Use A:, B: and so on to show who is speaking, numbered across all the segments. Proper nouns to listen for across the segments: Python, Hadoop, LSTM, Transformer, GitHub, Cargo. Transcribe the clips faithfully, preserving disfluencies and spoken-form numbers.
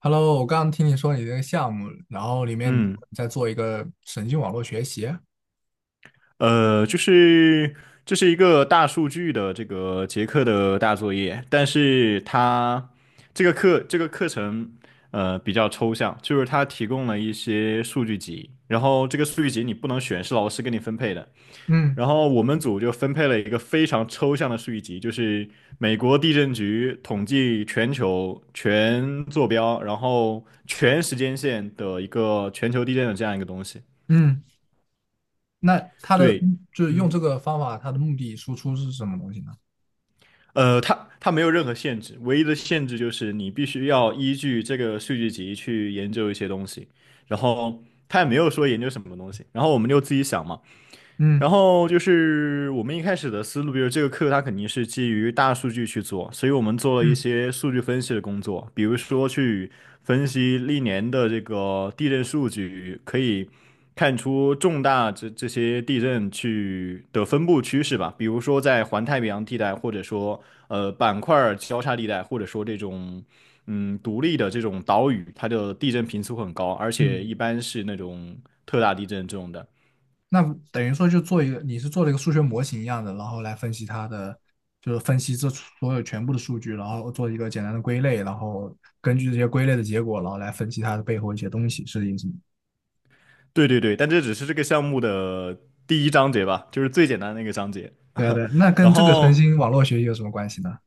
A: Hello，我刚刚听你说你这个项目，然后里面你
B: 嗯。
A: 在做一个神经网络学习。
B: 呃，就是这是一个大数据的这个结课的大作业，但是它这个课这个课程呃比较抽象，就是它提供了一些数据集，然后这个数据集你不能选，是老师给你分配的。
A: 嗯
B: 然后我们组就分配了一个非常抽象的数据集，就是美国地震局统计全球全坐标，然后全时间线的一个全球地震的这样一个东西。
A: 嗯，那它的
B: 对。
A: 就是用
B: 嗯。
A: 这个方法，它的目的输出是什么东西呢？
B: 呃，它它没有任何限制，唯一的限制就是你必须要依据这个数据集去研究一些东西，然后它也没有说研究什么东西，然后我们就自己想嘛。然
A: 嗯
B: 后就是我们一开始的思路，比如这个课它肯定是基于大数据去做，所以我们做了一
A: 嗯
B: 些数据分析的工作，比如说去分析历年的这个地震数据，可以看出重大这这些地震去的分布趋势吧，比如说在环太平洋地带，或者说呃板块儿交叉地带，或者说这种嗯独立的这种岛屿，它的地震频次会很高，而且
A: 嗯，
B: 一般是那种特大地震这种的。
A: 那等于说就做一个，你是做了一个数学模型一样的，然后来分析它的，就是分析这所有全部的数据，然后做一个简单的归类，然后根据这些归类的结果，然后来分析它的背后一些东西，是这个意思吗？
B: 对对对，但这只是这个项目的第一章节吧，就是最简单的一个章节。
A: 对啊 对啊，那
B: 然
A: 跟这个神
B: 后
A: 经网络学习有什么关系呢？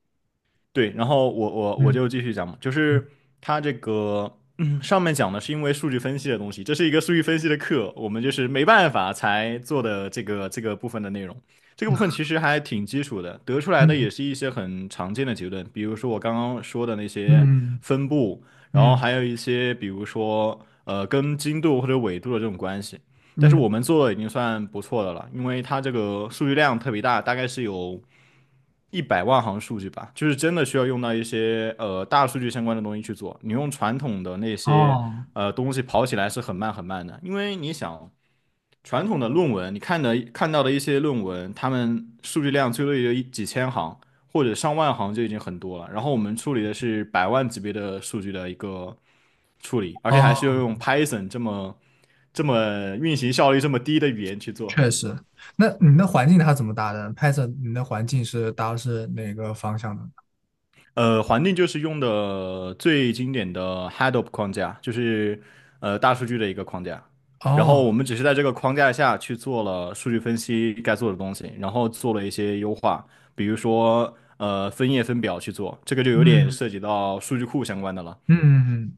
B: 对，然后我我我
A: 嗯
B: 就继续讲嘛，就是
A: 嗯
B: 它这个、嗯上面讲的是因为数据分析的东西，这是一个数据分析的课，我们就是没办法才做的这个这个部分的内容。这个部分
A: 嗯。
B: 其实还挺基础的，得出来的
A: 嗯
B: 也是一些很常见的结论，比如说我刚刚说的那些
A: 嗯
B: 分布，然后
A: 嗯
B: 还有一些比如说呃跟经度或者纬度的这种关系。但是我
A: 嗯，
B: 们做的已经算不错的了，因为它这个数据量特别大，大概是有，一百万行数据吧，就是真的需要用到一些呃大数据相关的东西去做。你用传统的那些
A: 哦
B: 呃东西跑起来是很慢很慢的，因为你想传统的论文，你看的看到的一些论文，他们数据量最多也就一几千行或者上万行就已经很多了。然后我们处理的是百万级别的数据的一个处理，而且还是要
A: 哦，
B: 用 Python 这么这么运行效率这么低的语言去做。
A: 确实。那你的环境它怎么搭的？拍摄你的环境是搭的是哪个方向的呢？
B: 呃，环境就是用的最经典的 Hadoop 框架，就是呃大数据的一个框架。然
A: 哦，
B: 后我们只是在这个框架下去做了数据分析该做的东西，然后做了一些优化，比如说呃分页分表去做，这个就有点
A: 嗯
B: 涉及到数据库相关的了。
A: 嗯嗯，嗯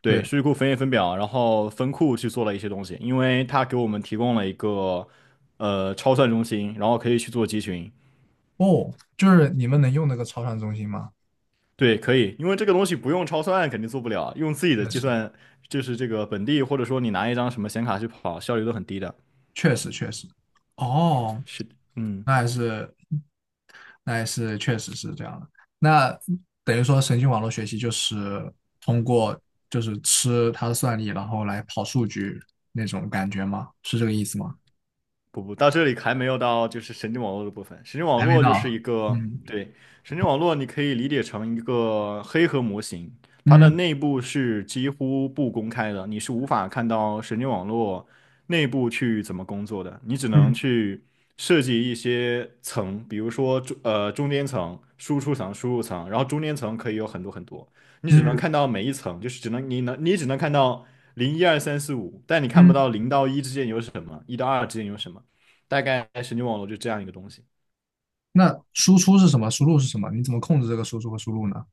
B: 对，
A: 对，
B: 数据库分页分表，然后分库去做了一些东西，因为它给我们提供了一个呃超算中心，然后可以去做集群。
A: 哦，就是你们能用那个超算中心吗？
B: 对，可以，因为这个东西不用超算肯定做不了，用自己的
A: 确
B: 计
A: 实，
B: 算就是这个本地，或者说你拿一张什么显卡去跑，效率都很低的。
A: 确实，确实。哦，
B: 是，嗯。
A: 那还是，那还是确实是这样的。那等于说神经网络学习就是通过就是吃它的算力，然后来跑数据那种感觉吗？是这个意思吗？
B: 不不，到这里还没有到就是神经网络的部分。神经网
A: 还没
B: 络就是一
A: 到。
B: 个，
A: 嗯
B: 对，神经网络你可以理解成一个黑盒模型，它的
A: 嗯
B: 内部是几乎不公开的，你是无法看到神经网络内部去怎么工作的，你只能
A: 嗯
B: 去设计一些层，比如说中呃中间层、输出层、输入层，然后中间层可以有很多很多，你只能
A: 嗯
B: 看到每一层，就是只能你能你只能看到零一二三四五，但你看不
A: 嗯，
B: 到零到一之间有什么，一到二之间有什么。大概神经网络就这样一个东西。
A: 那输出是什么？输入是什么？你怎么控制这个输出和输入呢？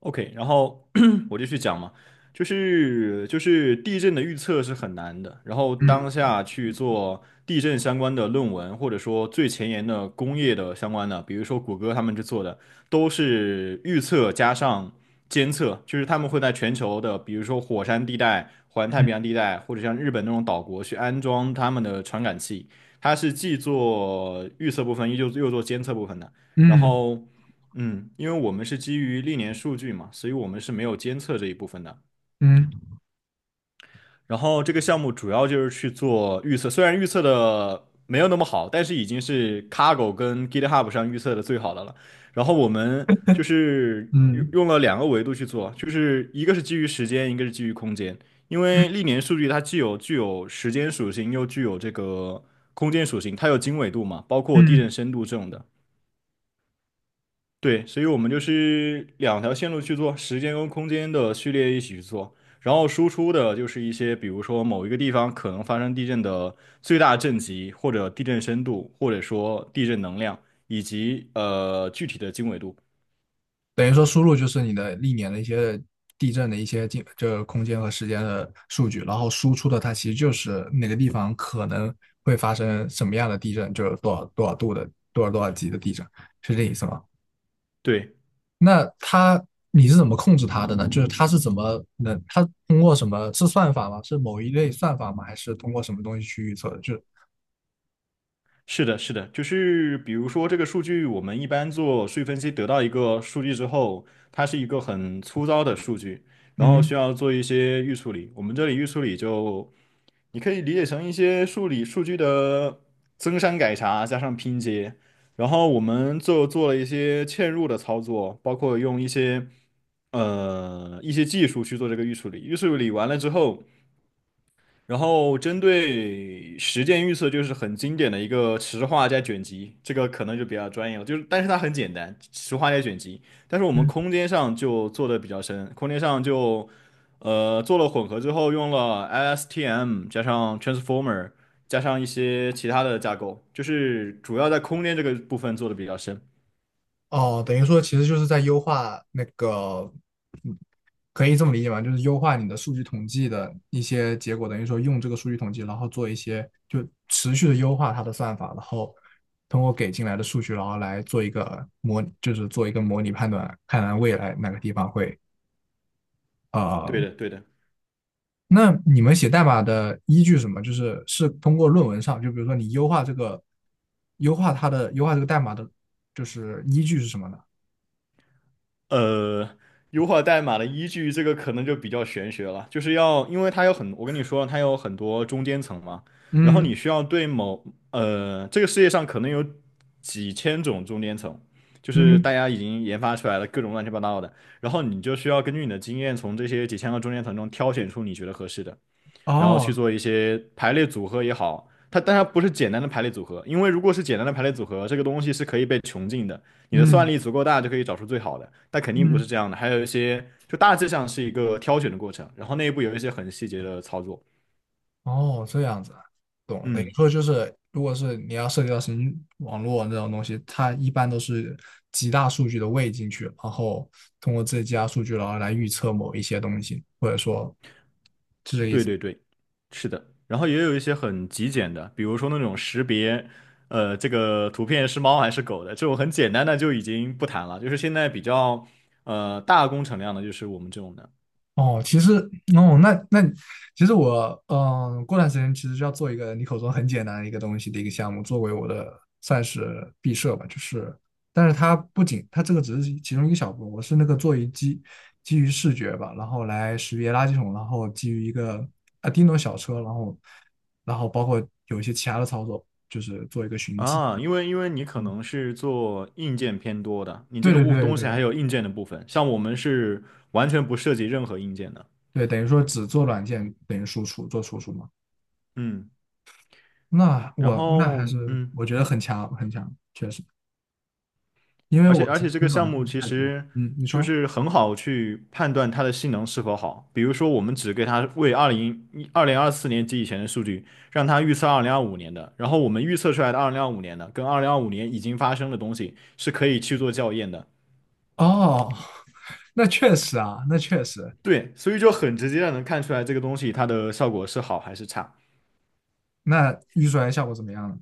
B: OK,然后 我就去讲嘛，就是就是地震的预测是很难的，然后当
A: 嗯
B: 下去做地震相关的论文，或者说最前沿的工业的相关的，比如说谷歌他们去做的，都是预测加上监测，就是他们会在全球的，比如说火山地带、环太平洋地带，或者像日本那种岛国去安装他们的传感器，它是既做预测部分，又又做监测部分的，然
A: 嗯
B: 后。嗯，因为我们是基于历年数据嘛，所以我们是没有监测这一部分的。
A: 嗯
B: 然后这个项目主要就是去做预测，虽然预测的没有那么好，但是已经是 Cargo 跟 GitHub 上预测的最好的了。然后我们就是用
A: 嗯
B: 用了两个维度去做，就是一个是基于时间，一个是基于空间。因
A: 嗯
B: 为历年数据它既有具有时间属性，又具有这个空间属性，它有经纬度嘛，包括地
A: 嗯，
B: 震深度这种的。对，所以我们就是两条线路去做，时间跟空间的序列一起去做，然后输出的就是一些，比如说某一个地方可能发生地震的最大震级，或者地震深度，或者说地震能量，以及呃具体的经纬度。
A: 等于说输入就是你的历年的一些地震的一些进，这空间和时间的数据，然后输出的它其实就是哪个地方可能会发生什么样的地震，就是多少多少度的多少多少级的地震，是这意思吗？
B: 对。
A: 那它你是怎么控制它的呢？就是它是怎么能，它通过什么？是算法吗？是某一类算法吗？还是通过什么东西去预测的？就是
B: 是的，是的，就是比如说这个数据，我们一般做数据分析得到一个数据之后，它是一个很粗糙的数据，然后需
A: 嗯
B: 要做一些预处理。我们这里预处理就，你可以理解成一些数理数据的增删改查加上拼接，然后我们就做了一些嵌入的操作，包括用一些呃一些技术去做这个预处理。预处理完了之后。然后针对实践预测，就是很经典的一个池化加卷积，这个可能就比较专业了。就是，但是它很简单，池化加卷积。但是我们
A: 嗯
B: 空间上就做的比较深，空间上就呃做了混合之后，用了 L S T M 加上 Transformer 加上一些其他的架构，就是主要在空间这个部分做的比较深。
A: 哦，等于说其实就是在优化那个。嗯，可以这么理解吧？就是优化你的数据统计的一些结果，等于说用这个数据统计，然后做一些就持续的优化它的算法，然后通过给进来的数据，然后来做一个模，就是做一个模拟判断，看看未来哪个地方会
B: 对
A: 呃
B: 的，对的。
A: 那你们写代码的依据是什么？就是是通过论文上，就比如说你优化这个，优化它的优化这个代码的，就是依据是什么呢？
B: 呃，优化代码的依据这个可能就比较玄学了，就是要，因为它有很，我跟你说，它有很多中间层嘛，然后
A: 嗯
B: 你需要对某，呃，这个世界上可能有几千种中间层，就是大
A: 嗯，
B: 家已经研发出来了各种乱七八糟的，然后你就需要根据你的经验，从这些几千个中间层中挑选出你觉得合适的。然后去
A: 哦，
B: 做一些排列组合也好，它当然不是简单的排列组合，因为如果是简单的排列组合，这个东西是可以被穷尽的，你的算
A: 嗯
B: 力足够大就可以找出最好的，但肯定不是
A: 嗯，
B: 这样的，还有一些就大致上是一个挑选的过程，然后内部有一些很细节的操作，
A: 哦，这样子，懂了。等于
B: 嗯，
A: 说就是，如果是你要涉及到神经网络这种东西，它一般都是极大数据的喂进去，然后通过这些极大数据，然后来预测某一些东西，或者说。是这意
B: 对
A: 思。
B: 对对，是的，然后也有一些很极简的，比如说那种识别。呃，这个图片是猫还是狗的，这种很简单的就已经不谈了，就是现在比较呃大工程量的，就是我们这种的。
A: 哦，其实哦，那那其实我嗯，呃过段时间其实就要做一个你口中很简单的一个东西的一个项目，作为我的算是毕设吧，就是，但是它不仅它这个只是其中一个小部分，我是那个做一基基于视觉吧，然后来识别垃圾桶，然后基于一个啊叮咚小车，然后然后包括有一些其他的操作，就是做一个寻迹。
B: 啊，因为因为你可
A: 嗯，
B: 能是做硬件偏多的，你这
A: 对
B: 个
A: 对
B: 部
A: 对
B: 东西还
A: 对
B: 有硬件的部分，像我们是完全不涉及任何硬件的，
A: 对，等于说只做软件等于输出做输出嘛。
B: 嗯，
A: 那
B: 然
A: 我那还
B: 后
A: 是
B: 嗯，
A: 我觉得很强很强，因为
B: 而且
A: 我
B: 而
A: 其
B: 且
A: 实
B: 这个
A: 软
B: 项目
A: 件
B: 其
A: 太多。
B: 实
A: 嗯，你
B: 就
A: 说
B: 是很好去判断它的性能是否好，比如说我们只给它为二零一二零二四年及以前的数据，让它预测二零二五年的，然后我们预测出来的二零二五年的跟二零二五年已经发生的东西是可以去做校验的。
A: 哦，那确实啊，那确实。
B: 对，所以就很直接的能看出来这个东西它的效果是好还是差。
A: 那预算效果怎么样呢？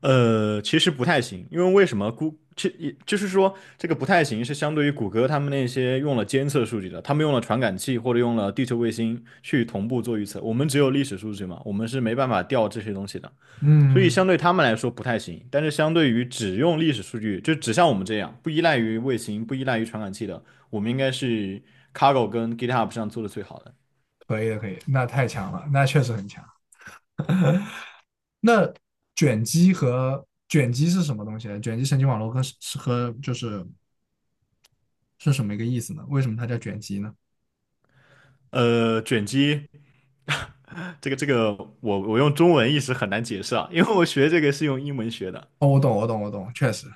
B: 呃，其实不太行，因为为什么估其也就是说这个不太行是相对于谷歌他们那些用了监测数据的，他们用了传感器或者用了地球卫星去同步做预测，我们只有历史数据嘛，我们是没办法调这些东西的，所以
A: 嗯，
B: 相对他们来说不太行。但是相对于只用历史数据，就只像我们这样不依赖于卫星、不依赖于传感器的，我们应该是 Cargo 跟 GitHub 上做的最好的。
A: 可以的，可以的，那太强了，那确实很强。那卷积和卷积是什么东西呢？卷积神经网络跟是和就是是什么一个意思呢？为什么它叫卷积呢？
B: 呃，卷积，这个这个，我我用中文一时很难解释啊，因为我学这个是用英文学的。
A: 哦，我懂，我懂，我懂，确实，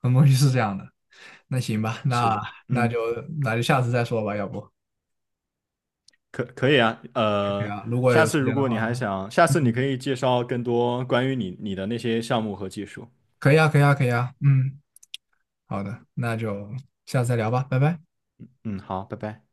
A: 很多东西是这样的。那行吧，
B: 是
A: 那
B: 的，
A: 那就
B: 嗯，
A: 那就下次再说吧，要不。
B: 可可以啊，
A: 可以
B: 呃，
A: 啊，如果
B: 下
A: 有时
B: 次如
A: 间的
B: 果你还
A: 话，
B: 想，下次你
A: 嗯，
B: 可以介绍更多关于你你的那些项目和技术。
A: 可以啊，可以啊，可以啊，嗯，好的，那就下次再聊吧，拜拜。
B: 嗯，好，拜拜。